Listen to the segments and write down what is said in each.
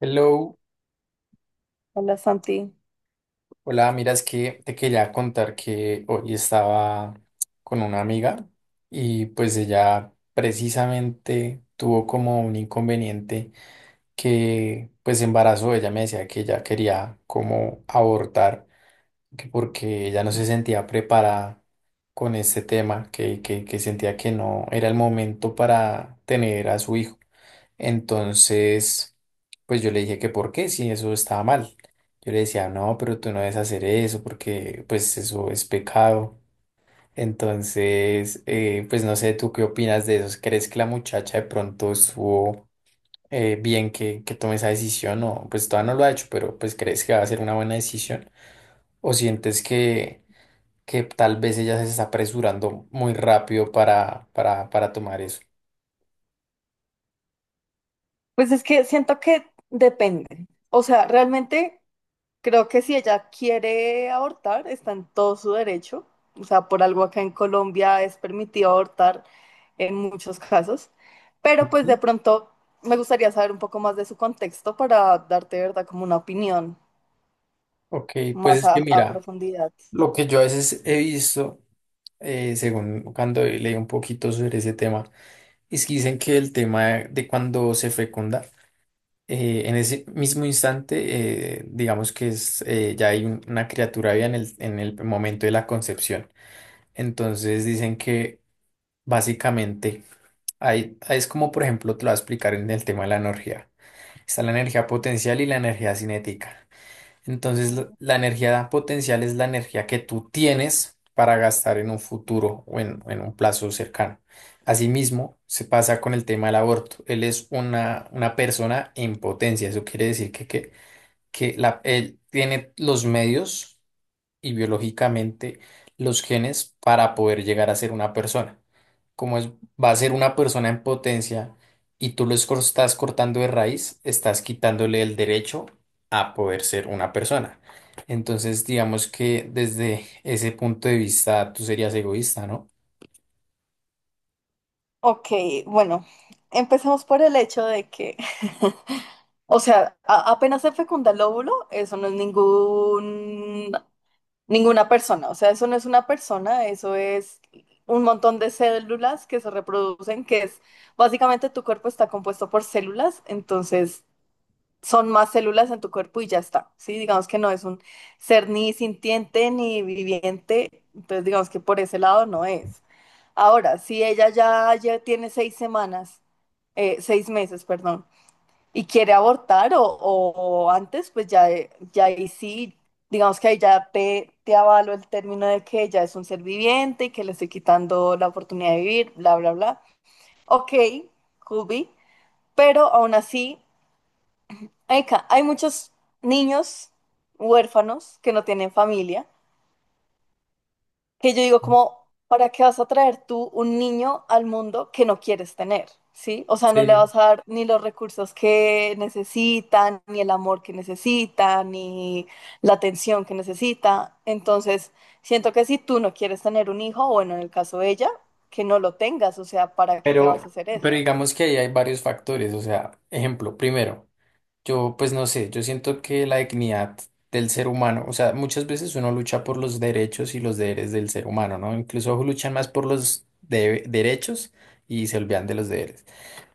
Hello, Hola Santi. hola, mira, es que te quería contar que hoy estaba con una amiga y pues ella precisamente tuvo como un inconveniente que pues embarazó. Ella me decía que ella quería como abortar, que porque ella no se sentía preparada con este tema, que sentía que no era el momento para tener a su hijo. Entonces, pues yo le dije que por qué, si eso estaba mal. Yo le decía, no, pero tú no debes hacer eso porque pues eso es pecado. Entonces, pues no sé, ¿tú qué opinas de eso? ¿Crees que la muchacha de pronto estuvo bien que tome esa decisión? O pues todavía no lo ha hecho, pero pues ¿crees que va a ser una buena decisión? ¿O sientes que tal vez ella se está apresurando muy rápido para tomar eso? Pues es que siento que depende. O sea, realmente creo que si ella quiere abortar, está en todo su derecho. O sea, por algo acá en Colombia es permitido abortar en muchos casos. Pero pues Ujú. de pronto me gustaría saber un poco más de su contexto para darte, de ¿verdad?, como una opinión Ok, pues más es a, que a mira, profundidad. lo que yo a veces he visto, según cuando leí un poquito sobre ese tema, es que dicen que el tema de cuando se fecunda, en ese mismo instante, digamos que es, ya hay una criatura viva en en el momento de la concepción. Entonces dicen que básicamente hay, es como, por ejemplo, te lo voy a explicar en el tema de la energía. Está la energía potencial y la energía cinética. Entonces, la energía potencial es la energía que tú tienes para gastar en un futuro o en un plazo cercano. Asimismo, se pasa con el tema del aborto. Él es una persona en potencia. Eso quiere decir que él tiene los medios y biológicamente los genes para poder llegar a ser una persona. Como es, va a ser una persona en potencia y tú lo estás cortando de raíz, estás quitándole el derecho a poder ser una persona. Entonces, digamos que desde ese punto de vista tú serías egoísta, ¿no? Ok, bueno, empecemos por el hecho de que O sea, apenas se fecunda el óvulo, eso no es ningún Ninguna persona. O sea, eso no es una persona, eso es un montón de células que se reproducen, que es básicamente tu cuerpo está compuesto por células, entonces son más células en tu cuerpo y ya está, ¿sí? Digamos que no es un ser ni sintiente ni viviente, entonces digamos que por ese lado no es. Ahora, si ella ya, ya, tiene 6 semanas, 6 meses, perdón, y quiere abortar o antes, pues ya, ahí sí, digamos que ahí ya te avalo el término de que ella es un ser viviente y que le estoy quitando la oportunidad de vivir, bla, bla, bla. Ok, could be, pero aún así, hay muchos niños huérfanos que no tienen familia, que yo digo como, ¿para qué vas a traer tú un niño al mundo que no quieres tener? ¿Sí? O sea, no le Sí. vas a dar ni los recursos que necesitan, ni el amor que necesita, ni la atención que necesita. Entonces, siento que si tú no quieres tener un hijo, bueno, en el caso de ella, que no lo tengas, o sea, ¿para qué Pero, vas a hacer eso? pero digamos que ahí hay varios factores. O sea, ejemplo, primero. Yo, pues no sé, yo siento que la dignidad del ser humano, o sea, muchas veces uno lucha por los derechos y los deberes del ser humano, ¿no? Incluso luchan más por los derechos y se olvidan de los deberes.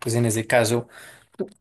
Pues en ese caso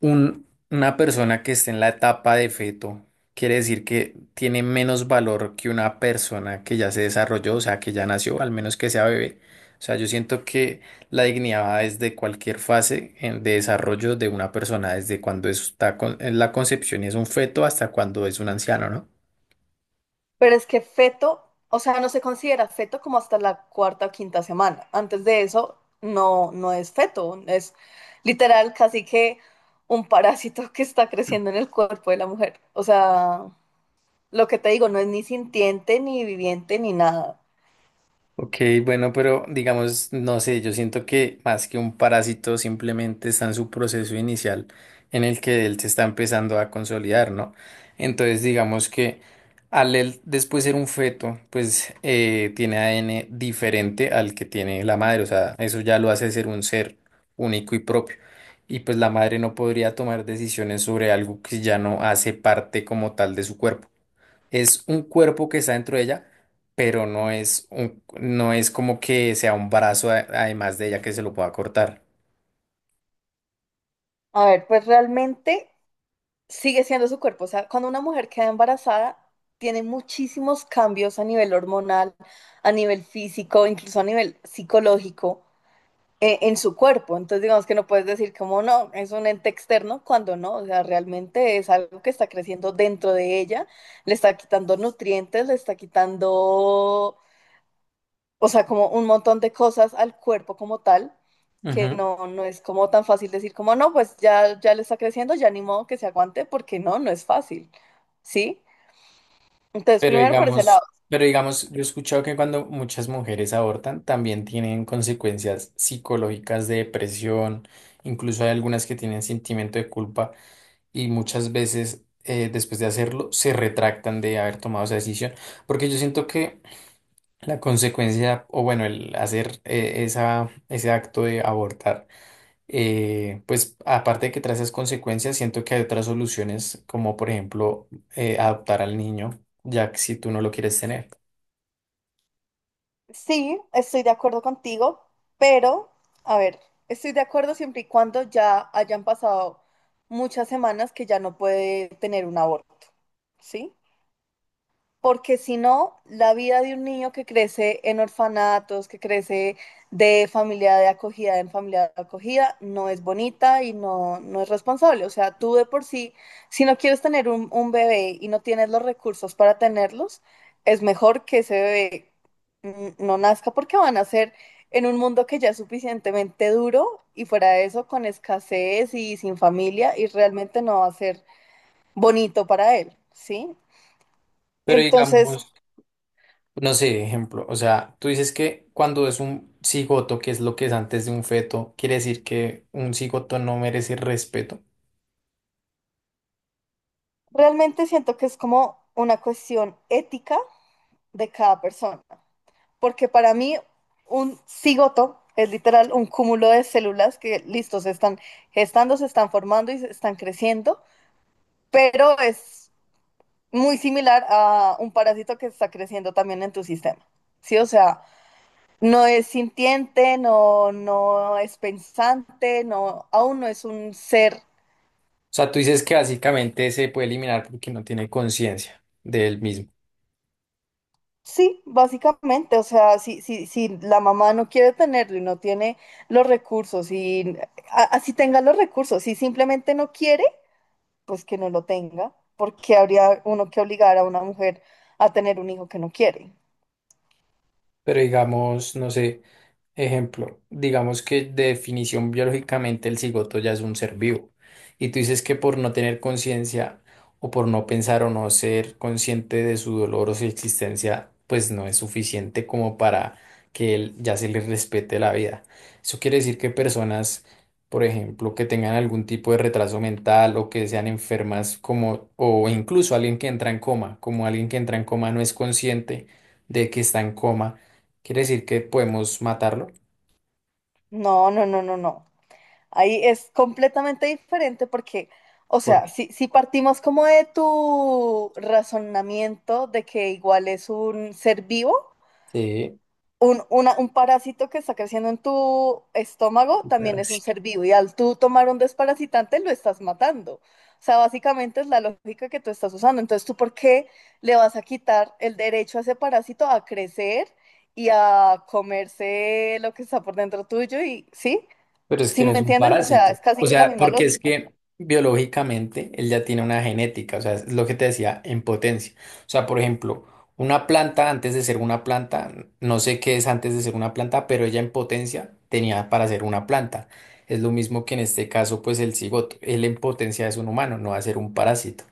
una persona que esté en la etapa de feto quiere decir que tiene menos valor que una persona que ya se desarrolló, o sea, que ya nació, al menos que sea bebé. O sea, yo siento que la dignidad es de cualquier fase de desarrollo de una persona, desde cuando está en la concepción y es un feto hasta cuando es un anciano, ¿no? Pero es que feto, o sea, no se considera feto como hasta la cuarta o quinta semana. Antes de eso, no, no es feto, es literal casi que un parásito que está creciendo en el cuerpo de la mujer. O sea, lo que te digo, no es ni sintiente, ni viviente, ni nada. Ok, bueno, pero digamos, no sé, yo siento que más que un parásito simplemente está en su proceso inicial en el que él se está empezando a consolidar, ¿no? Entonces, digamos que al él después ser un feto, pues tiene ADN diferente al que tiene la madre, o sea, eso ya lo hace ser un ser único y propio. Y pues la madre no podría tomar decisiones sobre algo que ya no hace parte como tal de su cuerpo. Es un cuerpo que está dentro de ella, pero no es un, no es como que sea un brazo además de ella que se lo pueda cortar. A ver, pues realmente sigue siendo su cuerpo. O sea, cuando una mujer queda embarazada, tiene muchísimos cambios a nivel hormonal, a nivel físico, incluso a nivel psicológico. En su cuerpo. Entonces, digamos que no puedes decir como no, es un ente externo, cuando no, o sea, realmente es algo que está creciendo dentro de ella, le está quitando nutrientes, le está quitando, o sea, como un montón de cosas al cuerpo como tal, que Ujú. no, no es como tan fácil decir como no, pues ya, ya le está creciendo, ya ni modo que se aguante, porque no, no es fácil, ¿sí? Entonces, primero por ese lado. Pero digamos, yo he escuchado que cuando muchas mujeres abortan también tienen consecuencias psicológicas de depresión, incluso hay algunas que tienen sentimiento de culpa y muchas veces después de hacerlo se retractan de haber tomado esa decisión, porque yo siento que la consecuencia, o bueno, el hacer ese acto de abortar pues aparte de que trae esas consecuencias, siento que hay otras soluciones, como por ejemplo adoptar al niño, ya que si tú no lo quieres tener. Sí, estoy de acuerdo contigo, pero, a ver, estoy de acuerdo siempre y cuando ya hayan pasado muchas semanas que ya no puede tener un aborto, ¿sí? Porque si no, la vida de un niño que crece en orfanatos, que crece de familia de acogida en familia de acogida, no es bonita y no, no es responsable. O sea, tú de por sí, si no quieres tener un bebé y no tienes los recursos para tenerlos, es mejor que ese bebé no nazca, porque van a ser en un mundo que ya es suficientemente duro y fuera de eso con escasez y sin familia y realmente no va a ser bonito para él, ¿sí? Pero Entonces. digamos, no sé, ejemplo, o sea, tú dices que cuando es un cigoto, que es lo que es antes de un feto, quiere decir que un cigoto no merece respeto. Realmente siento que es como una cuestión ética de cada persona, porque para mí un cigoto es literal un cúmulo de células que, listo, se están gestando, se están formando y se están creciendo, pero es muy similar a un parásito que está creciendo también en tu sistema. Sí, o sea, no es sintiente, no, no es pensante, no, aún no es un ser. O sea, tú dices que básicamente se puede eliminar porque no tiene conciencia de él mismo. Sí, básicamente, o sea, si la mamá no quiere tenerlo y no tiene los recursos, y así tenga los recursos, si simplemente no quiere, pues que no lo tenga, porque habría uno que obligar a una mujer a tener un hijo que no quiere. Pero digamos, no sé, ejemplo, digamos que de definición biológicamente el cigoto ya es un ser vivo. Y tú dices que por no tener conciencia o por no pensar o no ser consciente de su dolor o su existencia, pues no es suficiente como para que él ya se le respete la vida. Eso quiere decir que personas, por ejemplo, que tengan algún tipo de retraso mental o que sean enfermas como, o incluso alguien que entra en coma, como alguien que entra en coma no es consciente de que está en coma. Quiere decir que podemos matarlo, No, no, no, no, no. Ahí es completamente diferente porque, o sea, porque si partimos como de tu razonamiento de que igual es un ser vivo, sí. un parásito que está creciendo en tu estómago Un también es un parásito. ser vivo y al tú tomar un desparasitante lo estás matando. O sea, básicamente es la lógica que tú estás usando. Entonces, ¿tú por qué le vas a quitar el derecho a ese parásito a crecer y a comerse lo que está por dentro tuyo? Y sí, Pero es que ¿sí no me es un entiendes? O sea, parásito. es casi O que la sea, misma porque es lógica. que biológicamente él ya tiene una genética, o sea, es lo que te decía, en potencia. O sea, por ejemplo, una planta antes de ser una planta, no sé qué es antes de ser una planta, pero ella en potencia tenía para ser una planta. Es lo mismo que en este caso, pues el cigoto, él en potencia es un humano, no va a ser un parásito,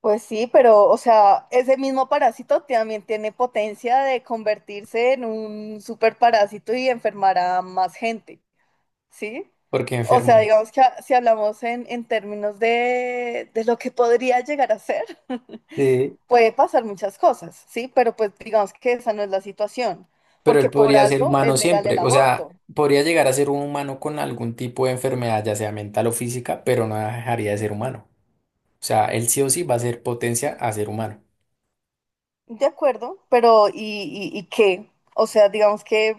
Pues sí, pero, o sea, ese mismo parásito también tiene potencia de convertirse en un superparásito y enfermar a más gente. ¿Sí? porque O sea, enferma. digamos que si hablamos en términos de lo que podría llegar a ser, Sí. puede pasar muchas cosas, ¿sí? Pero pues digamos que esa no es la situación, Pero él porque por podría ser algo humano es legal el siempre, o sea, aborto, podría llegar a ser un humano con algún tipo de enfermedad, ya sea mental o física, pero no dejaría de ser humano. O sea, él sí o sí va a ser potencia a ser humano. ¿de acuerdo? Pero ¿y qué? O sea, digamos que,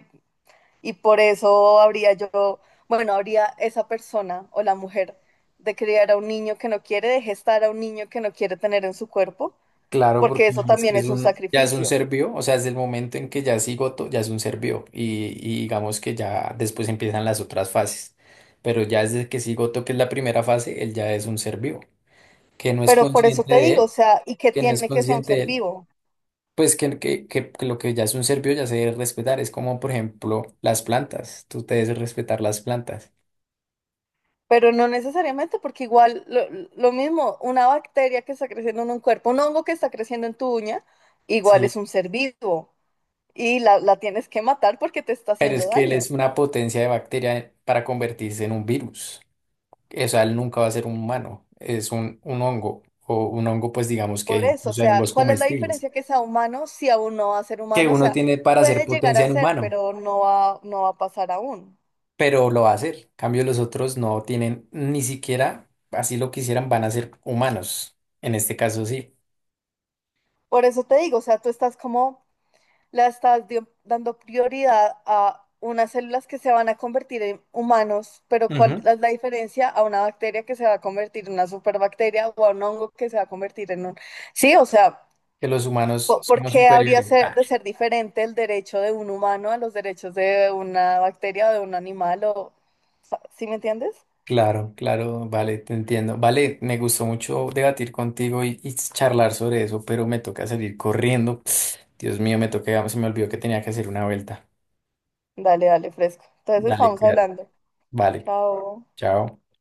y por eso habría yo, bueno, habría esa persona o la mujer de criar a un niño que no quiere, de gestar a un niño que no quiere tener en su cuerpo, Claro, porque porque eso es también que es es un un, ya es un sacrificio. ser vivo, o sea, desde el momento en que ya es cigoto, ya es un ser vivo, y digamos que ya después empiezan las otras fases. Pero ya desde que es cigoto, que es la primera fase, él ya es un ser vivo, que no es Pero por eso consciente te de digo, o él, sea, y que que no es tiene que ser un consciente de ser él. vivo, Pues que lo que ya es un ser vivo ya se debe respetar. Es como, por ejemplo, las plantas. Tú te debes respetar las plantas. pero no necesariamente, porque igual lo, mismo, una bacteria que está creciendo en un cuerpo, un hongo que está creciendo en tu uña, igual Sí. es un ser vivo y la tienes que matar porque te está Pero es haciendo que él daño. es una potencia de bacteria para convertirse en un virus. O sea, él nunca va a ser un humano. Es un hongo. O un hongo, pues digamos que Por eso, o incluso hay sea, hongos ¿cuál es la comestibles. diferencia que sea humano si aún no va a ser Que humano? O uno sea, tiene para hacer puede llegar potencia a en ser, humano. pero no va a pasar aún. Pero lo va a hacer. En cambio, los otros no tienen ni siquiera, así lo quisieran, van a ser humanos. En este caso, sí. Por eso te digo, o sea, tú estás como la estás dando prioridad a unas células que se van a convertir en humanos, pero ¿cuál Ujú. es la diferencia a una bacteria que se va a convertir en una superbacteria o a un hongo que se va a convertir en un? Sí, o sea, Que los humanos ¿por somos qué habría superiores. Ah, de ser diferente el derecho de un humano a los derechos de una bacteria o de un animal? O. ¿Sí me entiendes? claro, claro, vale, te entiendo. Vale, me gustó mucho debatir contigo y charlar sobre eso, pero me toca salir corriendo. Dios mío, me toca, se me olvidó que tenía que hacer una vuelta. Dale, dale, fresco. Entonces Dale, estamos cuidado. hablando. Vale, Chao. chao.